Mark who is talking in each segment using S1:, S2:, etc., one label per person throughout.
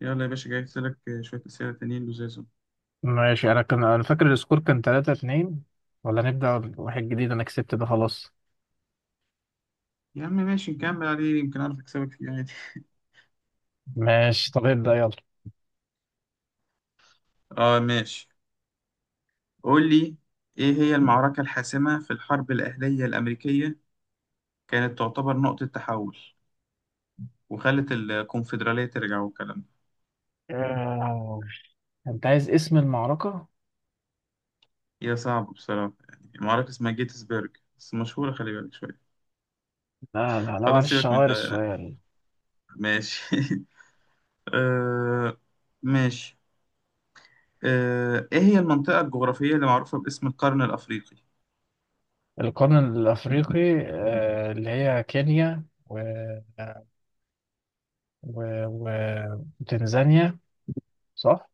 S1: يلا يا باشا، جايبت لك شوية أسئلة تانيين لزازهم.
S2: ماشي، انا فاكر السكور كان 3-2. ولا نبدأ واحد جديد؟ انا كسبت ده خلاص.
S1: يا عم ماشي نكمل عليه، يمكن أعرف أكسبك فيه عادي.
S2: ماشي طب ابدأ يلا.
S1: آه ماشي. قول لي، إيه هي المعركة الحاسمة في الحرب الأهلية الأمريكية، كانت تعتبر نقطة تحول وخلت الكونفدرالية ترجع والكلام ده؟
S2: آه، انت عايز اسم المعركة؟
S1: هي صعبة بصراحة، يعني معركة اسمها جيتسبرج بس مشهورة، خلي بالك شوية.
S2: لا لا لا،
S1: خلاص
S2: معلش
S1: سيبك من
S2: غير
S1: ده.
S2: السؤال.
S1: ماشي. آه ماشي. آه، إيه هي المنطقة الجغرافية اللي معروفة باسم القرن الأفريقي؟
S2: القرن الافريقي، اللي هي كينيا و... و... وتنزانيا. صح.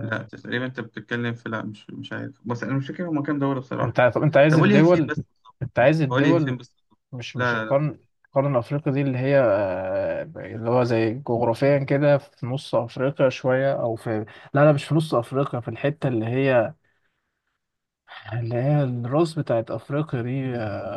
S1: لا تقريبا انت بتتكلم في، لا مش عارف، بس انا مش فاكر هما كام دورة بصراحة.
S2: طب انت عايز
S1: طب قول لي هي فين
S2: الدول؟
S1: بس.
S2: انت عايز
S1: قول لي هي فين
S2: الدول.
S1: بس.
S2: مش
S1: لا.
S2: القرن. القرن الأفريقي دي اللي هي آه، اللي هو زي جغرافيا كده في نص أفريقيا شوية أو في. لا لا، مش في نص أفريقيا، في الحتة اللي هي، اللي هي الراس بتاعت أفريقيا دي،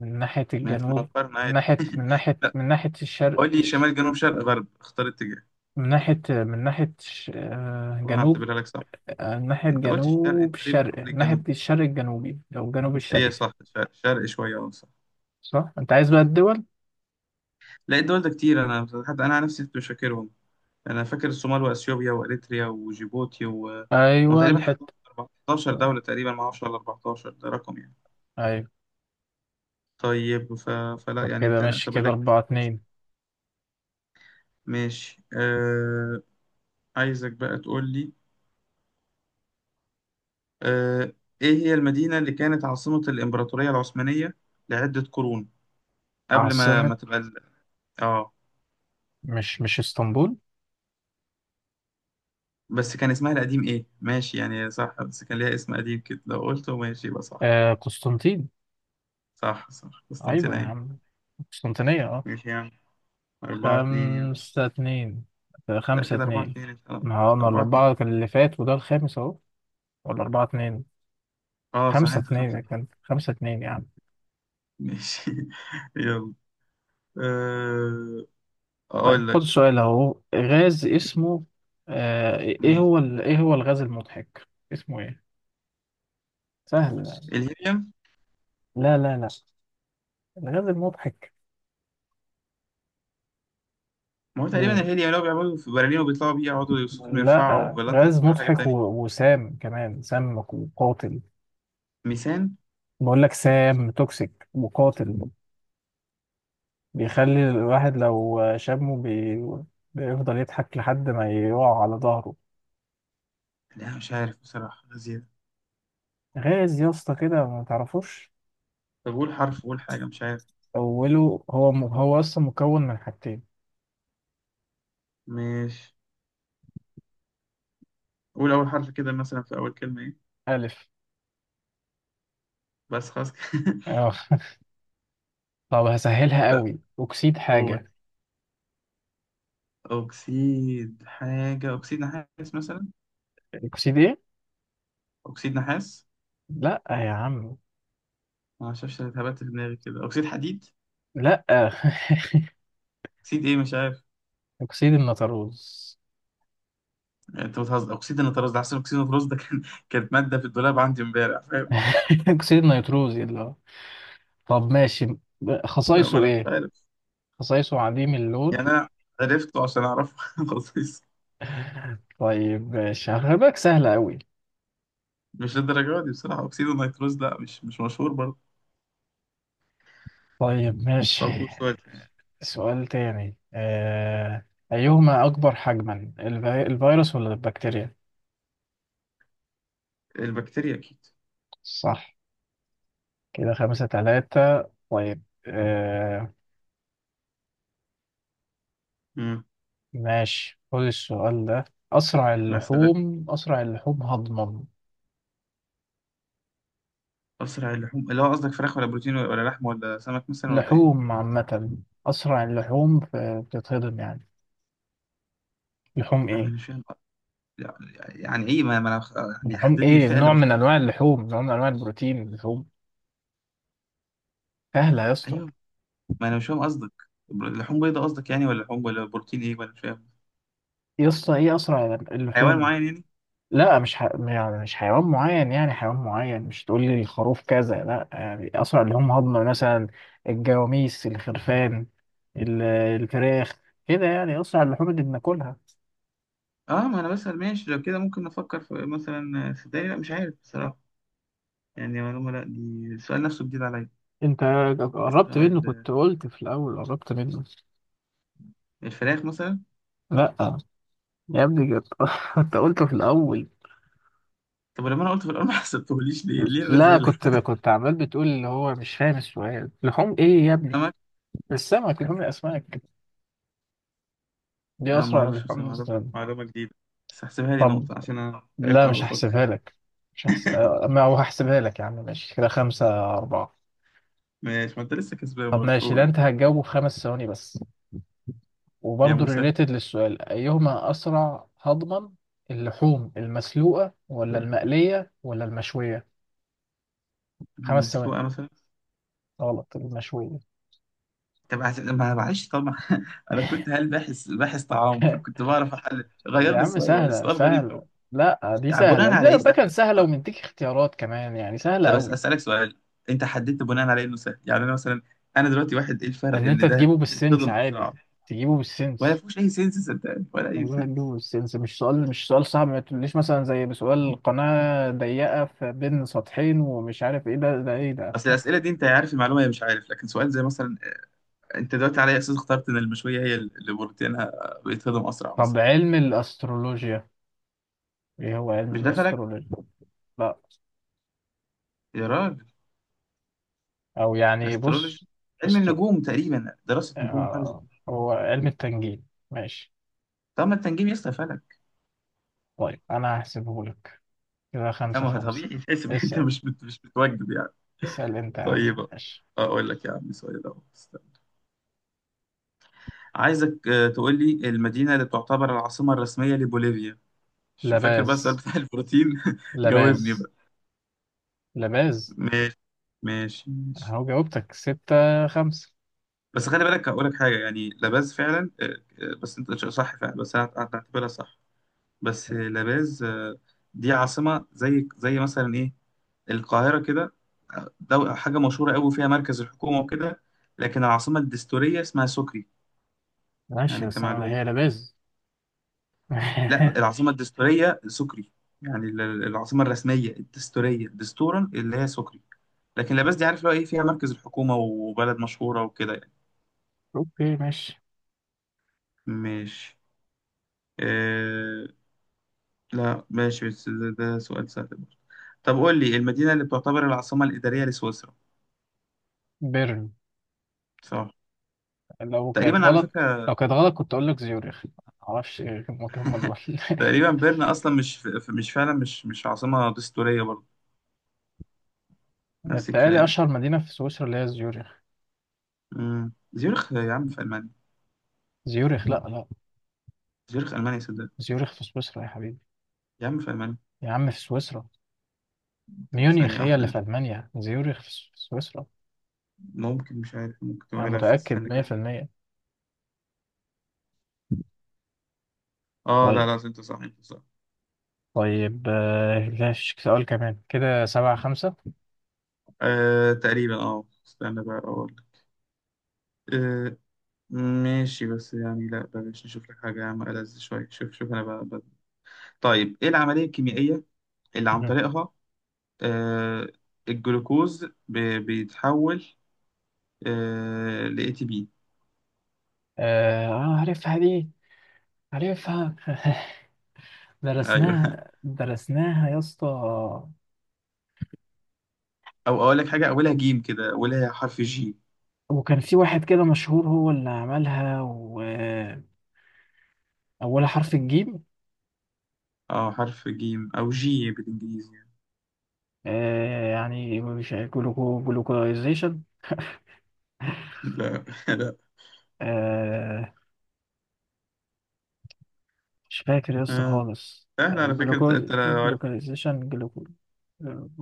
S2: من ناحية
S1: ما هي اسمها
S2: الجنوب.
S1: مقارنة
S2: من
S1: عادي.
S2: ناحية من ناحية
S1: لا،
S2: من ناحية الشرق،
S1: قول لي شمال جنوب شرق غرب، اختار اتجاه.
S2: من ناحية من ناحية
S1: انا
S2: جنوب.
S1: هعتبرها لك صح.
S2: من ناحية
S1: انت قلت الشرق، انت
S2: جنوب
S1: ليه بتروح
S2: الشرق، من ناحية
S1: للجنوب؟
S2: الشرق الجنوبي أو الجنوب
S1: هي
S2: الشرقي.
S1: صح، شرق شوية، اه صح.
S2: صح؟ أنت عايز بقى الدول؟
S1: لا الدول ده كتير، انا بصراحة- حتى انا عن نفسي كنت مش فاكرهم. انا فاكر الصومال واثيوبيا واريتريا وجيبوتي و...
S2: أيوه،
S1: وتقريبا
S2: الحتة.
S1: 14 دولة تقريبا، ما اعرفش ولا 14 ده رقم يعني.
S2: أيوه.
S1: طيب ف... فلا
S2: طب
S1: يعني
S2: كده
S1: انت
S2: ماشي،
S1: نعتبر
S2: كده
S1: لك.
S2: 4-2.
S1: ماشي. آه، عايزك بقى تقول لي، آه، إيه هي المدينة اللي كانت عاصمة الإمبراطورية العثمانية لعدة قرون قبل ما
S2: عاصمة؟
S1: تبقى ال...؟ آه،
S2: مش اسطنبول؟
S1: بس كان اسمها القديم إيه؟ ماشي يعني صح، بس كان ليها اسم قديم كده لو قلته ماشي يبقى صح.
S2: قسطنطين.
S1: صح صح،
S2: أيوة يا
S1: قسطنطينية.
S2: عم، قسطنطينية
S1: ماشي يعني، أربعة اتنين يعني.
S2: 5-2،
S1: لا
S2: خمسة
S1: كده أربعة
S2: اتنين
S1: اتنين، انت- آه،
S2: ما هو أنا
S1: أربعة اتنين.
S2: الأربعة كان اللي فات وده الخامس أهو. ولا 4-2.
S1: آه صح،
S2: خمسة
S1: أنت
S2: اتنين،
S1: خمسة.
S2: كان خمسة اتنين يا عم.
S1: ماشي. يلا. آه،
S2: طيب
S1: أقول
S2: خد
S1: لك.
S2: السؤال أهو، غاز اسمه.
S1: ماشي.
S2: إيه هو الغاز المضحك اسمه إيه؟ سهل يعني.
S1: الهيليوم.
S2: لا لا لا. الغاز المضحك.
S1: ما هو تقريبا الهيليا لو بيعملوا في برلين وبيطلعوا بيه، يقعدوا صوتهم يرفعوا،
S2: لا،
S1: ولا انت
S2: غاز
S1: قصدك على حاجة
S2: مضحك
S1: تانية؟
S2: وسام، كمان سام وقاتل.
S1: ميسان.
S2: بقول لك سام توكسيك وقاتل. بيخلي الواحد لو شمه بيفضل يضحك لحد ما يقع على ظهره.
S1: لا مش عارف بصراحة زيادة.
S2: غاز يا اسطى كده، ما تعرفوش.
S1: طب قول حرف، قول حاجة، مش عارف.
S2: اوله هو اصلا مكون من حاجتين.
S1: مش، قول أول حرف كده، مثلا في أول كلمة إيه.
S2: الف.
S1: بس خلاص كده.
S2: اه طب هسهلها
S1: لا،
S2: قوي، اكسيد
S1: قول،
S2: حاجه.
S1: أكسيد حاجة، أكسيد نحاس مثلا.
S2: اكسيد ايه؟
S1: أكسيد نحاس.
S2: لا يا عم.
S1: ما أعرفش، أنا اتهبت في دماغي كده، أكسيد حديد،
S2: لا
S1: أكسيد إيه، مش عارف.
S2: اكسيد النيتروز.
S1: أنت بتهزر، أكسيد النيتروز ده أحسن، أكسيد النيتروز ده كان، كانت مادة في الدولاب عندي إمبارح، فاهم.
S2: اكسيد النيتروز، يلا. طب ماشي،
S1: لا ما
S2: خصائصه
S1: أنا مش
S2: ايه؟
S1: عارف،
S2: خصائصه عديم اللون.
S1: يعني أنا عرفته عشان أعرفه، خلاص.
S2: طيب ماشي، هغلبك سهلة أوي.
S1: مش للدرجة دي بصراحة، أكسيد النيتروز لا مش مشهور برضه.
S2: طيب ماشي،
S1: طب قول سؤال تاني.
S2: سؤال تاني آه.... أيهما أكبر حجما، الفيروس ولا البكتيريا؟
S1: البكتيريا أكيد.
S2: صح. كده 5-3. طيب. آه...
S1: مم.
S2: ماشي خد السؤال ده. أسرع
S1: بس غير.
S2: اللحوم أسرع اللحوم هضما.
S1: أسرع اللحوم اللي هو قصدك فراخ، ولا بروتين، ولا لحم، ولا سمك مثلا، ولا إيه؟
S2: اللحوم عامة. أسرع اللحوم بتتهضم يعني. لحوم
S1: أنا
S2: إيه؟
S1: مش فاهم. يعني يعني إيه ما ما أنا بخ- يعني
S2: لحوم
S1: حدد لي
S2: إيه؟
S1: الفئة اللي
S2: نوع من
S1: بختار
S2: أنواع
S1: فيها.
S2: اللحوم، نوع من أنواع البروتين، اللحوم. سهلة يا اسطى.
S1: أيوه. ما أنا مش فاهم قصدك. بر- لحوم بيضاء قصدك يعني، ولا لحوم، ولا بروتين إيه، ولا مش فاهم.
S2: يسطا، ايه اسرع
S1: حيوان
S2: اللحوم.
S1: معين يعني؟
S2: لا، مش يعني مش حيوان معين، يعني حيوان معين مش تقول لي الخروف كذا لا، يعني اسرع اللي هم هضمه مثلا. الجواميس، الخرفان، ال- الفراخ، كده، يعني اسرع اللحوم اللي بناكلها.
S1: أه، ما أنا بسأل ماشي، لو كده ممكن نفكر في مثلا، صدقني لا مش عارف بصراحة، يعني معلومة. لا دي السؤال نفسه جديد عليا.
S2: انت قربت
S1: أسرع
S2: منه،
S1: ال-
S2: كنت قلت في الاول، قربت منه.
S1: الفراخ مثلا.
S2: لا يا ابني كنت كنت قلته في الاول.
S1: طب ولما انا قلت في الاول، ما حسبتهوليش ليه؟ ليه
S2: لا،
S1: الرزاله؟
S2: كنت عمال بتقول اللي هو مش فاهم السؤال، لحوم ايه يا ابني؟
S1: سمك.
S2: السمك، لحوم الاسماك، دي
S1: انا ما
S2: اسرع اللحوم.
S1: اعرفش، بس معلومه، معلومه جديده، بس هحسبها لي
S2: طب.
S1: نقطه عشان انا تعبت
S2: لا،
S1: وانا
S2: مش
S1: بفكر.
S2: هحسبها لك، مش هحسب. ما هو هحسبها لك يا عم، ماشي كده 5-4.
S1: ماشي، ما انت لسه كسبان
S2: طب
S1: برضه،
S2: ماشي، ده
S1: قول.
S2: أنت هتجاوبه في 5 ثواني بس.
S1: يا
S2: وبرضه
S1: موسى.
S2: ريليتد للسؤال، أيهما أسرع هضما، اللحوم المسلوقة ولا المقلية ولا المشوية؟ 5 ثواني.
S1: المسلوقه مثلا.
S2: غلط، المشوية.
S1: طب عش- ما معلش طبعا. انا كنت هل باحث باحث طعام، فكنت بعرف احل، غير
S2: يا
S1: لي
S2: عم
S1: السؤال معلش،
S2: سهلة،
S1: سؤال غريب قوي.
S2: سهلة. لا دي
S1: يعني
S2: سهلة،
S1: بناء على
S2: ده,
S1: ايه
S2: ده كان
S1: سهله؟ طب
S2: سهلة
S1: ما-
S2: ومديك اختيارات كمان، يعني سهلة
S1: طب بس
S2: قوي.
S1: اسالك سؤال، انت حددت بناء على إيه انه سهل؟ يعني انا مثلا، انا دلوقتي واحد، ايه الفرق
S2: إن أنت
S1: ان ده
S2: تجيبه بالسنس
S1: بيتهضم
S2: عادي،
S1: اسرع
S2: تجيبه
S1: ولا
S2: بالسنس.
S1: فيهوش اي سنس؟ صدقني ولا اي
S2: والله
S1: سنس.
S2: هتجوز سيلز. مش سؤال صعب، ما تقوليش مثلا زي بسؤال قناة ضيقة في بين سطحين ومش عارف ايه ده، ده ايه ده.
S1: اصل الاسئله دي انت عارف المعلومه، هي مش عارف، لكن سؤال زي مثلا، انت دلوقتي على أي اساس اخترت ان المشويه هي اللي بروتينها بيتهضم اسرع
S2: طب
S1: مثلا؟
S2: علم الأسترولوجيا، ايه هو علم
S1: مش ده فلك؟
S2: الأسترولوجيا؟ لا،
S1: يا راجل،
S2: او يعني بص.
S1: استرولوجي، علم
S2: أستر...
S1: النجوم تقريبا، دراسه نجوم وحاجه زي كده.
S2: هو علم التنجيم ماشي.
S1: طب ما التنجيم يا اسطى فلك.
S2: طيب انا هحسبه لك، كده خمسة
S1: اما هو
S2: خمسة
S1: طبيعي، تحس ان انت
S2: اسأل،
S1: مش بتوجد يعني.
S2: اسأل انت يا عم.
S1: طيب،
S2: ماشي.
S1: اقول لك يا عم سؤال اهو، استنى. عايزك آه، تقول لي المدينه اللي تعتبر العاصمه الرسميه لبوليفيا. شو فاكر بقى السؤال
S2: لباز،
S1: بتاع البروتين؟ جاوبني
S2: لباز،
S1: بقى.
S2: لباز.
S1: ماشي. ماشي.
S2: اهو جاوبتك، 6-5.
S1: بس خلي بالك هقول لك حاجه، يعني لاباز فعلا، آه، آه، بس انت ش- صح فعلا، بس انا هعتبرها صح. بس آه، لاباز آه، دي عاصمه، زي مثلا ايه، القاهره كده، آه، دو- حاجه مشهوره قوي فيها مركز الحكومه وكده، لكن العاصمه الدستوريه اسمها سكري
S2: ماشي
S1: يعني،
S2: بس انا
S1: كمعلومه.
S2: هي لباز.
S1: لا، العاصمه الدستوريه سكري، يعني العاصمه الرسميه الدستوريه دستورا اللي هي سكري، لكن لاباز دي عارف لو ايه، فيها مركز الحكومه وبلد مشهوره وكده يعني.
S2: اوكي ماشي.
S1: ماشي، آه، لا ماشي، بس ده سؤال سهل برضه. طب قول لي المدينة اللي بتعتبر العاصمة الإدارية لسويسرا.
S2: بيرن.
S1: صح
S2: لو كانت
S1: تقريبا على
S2: غلط
S1: فكرة.
S2: لو كانت غلط كنت اقول لك زيوريخ. معرفش إيه هم دول
S1: تقريبا بيرن أصلا مش فعلا، مش عاصمة دستورية برضه. نفس
S2: بتهيألي
S1: الكلام.
S2: اشهر مدينة في سويسرا اللي هي زيوريخ.
S1: مم. زيورخ يا عم في ألمانيا.
S2: زيوريخ، لا لا،
S1: زيورخ ألمانيا صدق.
S2: زيوريخ في سويسرا يا حبيبي.
S1: يا عم في ألمانيا.
S2: يا عم في سويسرا. ميونيخ
S1: ثانية
S2: هي
S1: واحدة
S2: اللي
S1: ده.
S2: في المانيا، زيوريخ في سويسرا.
S1: ممكن، مش عارف، ممكن تبقى
S2: انا
S1: غيرها في
S2: متأكد
S1: السنة كده.
S2: 100%.
S1: اه، لا
S2: طيب.
S1: لا انت صح، انت صح.
S2: طيب، لا فيش سؤال كمان. كده 7-5.
S1: آه تقريبا، اه استنى بقى اقول لك. آه ماشي، بس يعني لا بلاش، نشوف لك حاجة يا عم ألذ شوية، شوف شوف انا بقى. طيب، ايه العملية الكيميائية اللي عن
S2: مم.
S1: طريقها، آه الجلوكوز بيتحول آه ل اي تي بي؟
S2: عارفها دي، عارفها
S1: ايوه.
S2: درسناها، درسناها يا اسطى.
S1: او اقول لك حاجة اولها جيم كده، اولها حرف جي.
S2: وكان في واحد كده مشهور هو اللي عملها، وأولها حرف الجيم.
S1: اه حرف جيم او جي بالانجليزي يعني.
S2: يعني مش جلوكو، جلوكوزيشن.
S1: لا لا.
S2: آه، مش فاكر يا اسطى
S1: آه.
S2: خالص،
S1: سهل على فكرة انت،
S2: جلوكوز،
S1: انت لو عارف،
S2: جلوكوزيشن، جلوكو.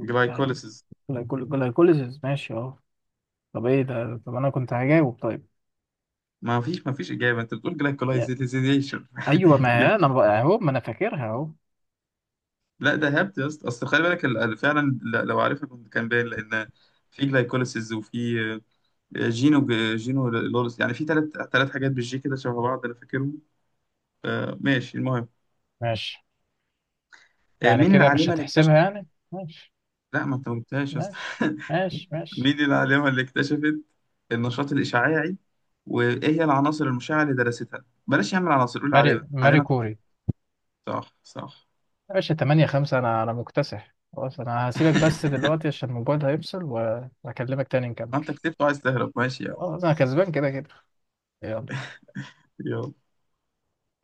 S1: جلايكوليسيس.
S2: جلايكوليزيس ماشي طب ايه ده، طب انا كنت هجاوب طيب.
S1: ما فيش، ما فيش اجابة، انت بتقول
S2: يا-
S1: جلايكولايزيشن.
S2: ايوه، ما هي
S1: جبت.
S2: انا بقى اهو، ما انا فاكرها اهو.
S1: لا ده هبت يا اسطى، اصل خلي بالك فعلا، ل- لو عارفها كنت كان باين، لان في جلايكوليسيس وفي جينو، جينو لورس، يعني في ثلاث، ثلاث حاجات بالجي كده شبه بعض، انا فاكرهم. آه، ماشي المهم.
S2: ماشي
S1: آه،
S2: يعني،
S1: مين
S2: كده مش
S1: العالمه اللي اكتشفت؟
S2: هتحسبها يعني. ماشي
S1: لا ما انت ما قلتهاش يا اسطى.
S2: ماشي ماشي. ماشي.
S1: مين العالمه اللي اكتشفت النشاط الاشعاعي، وايه هي العناصر المشعه اللي درستها؟ بلاش يعمل عناصر، قول
S2: ماري
S1: عالمه
S2: ماري
S1: عالمه.
S2: كوري.
S1: صح صح.
S2: يا باشا 8-5، انا مكتسح خلاص. انا هسيبك بس دلوقتي عشان الموبايل هيفصل وهكلمك تاني نكمل.
S1: ما انت كتبت وعايز تهرب، ماشي يا عم.
S2: خلاص انا كسبان كده كده. يلا.
S1: يلا.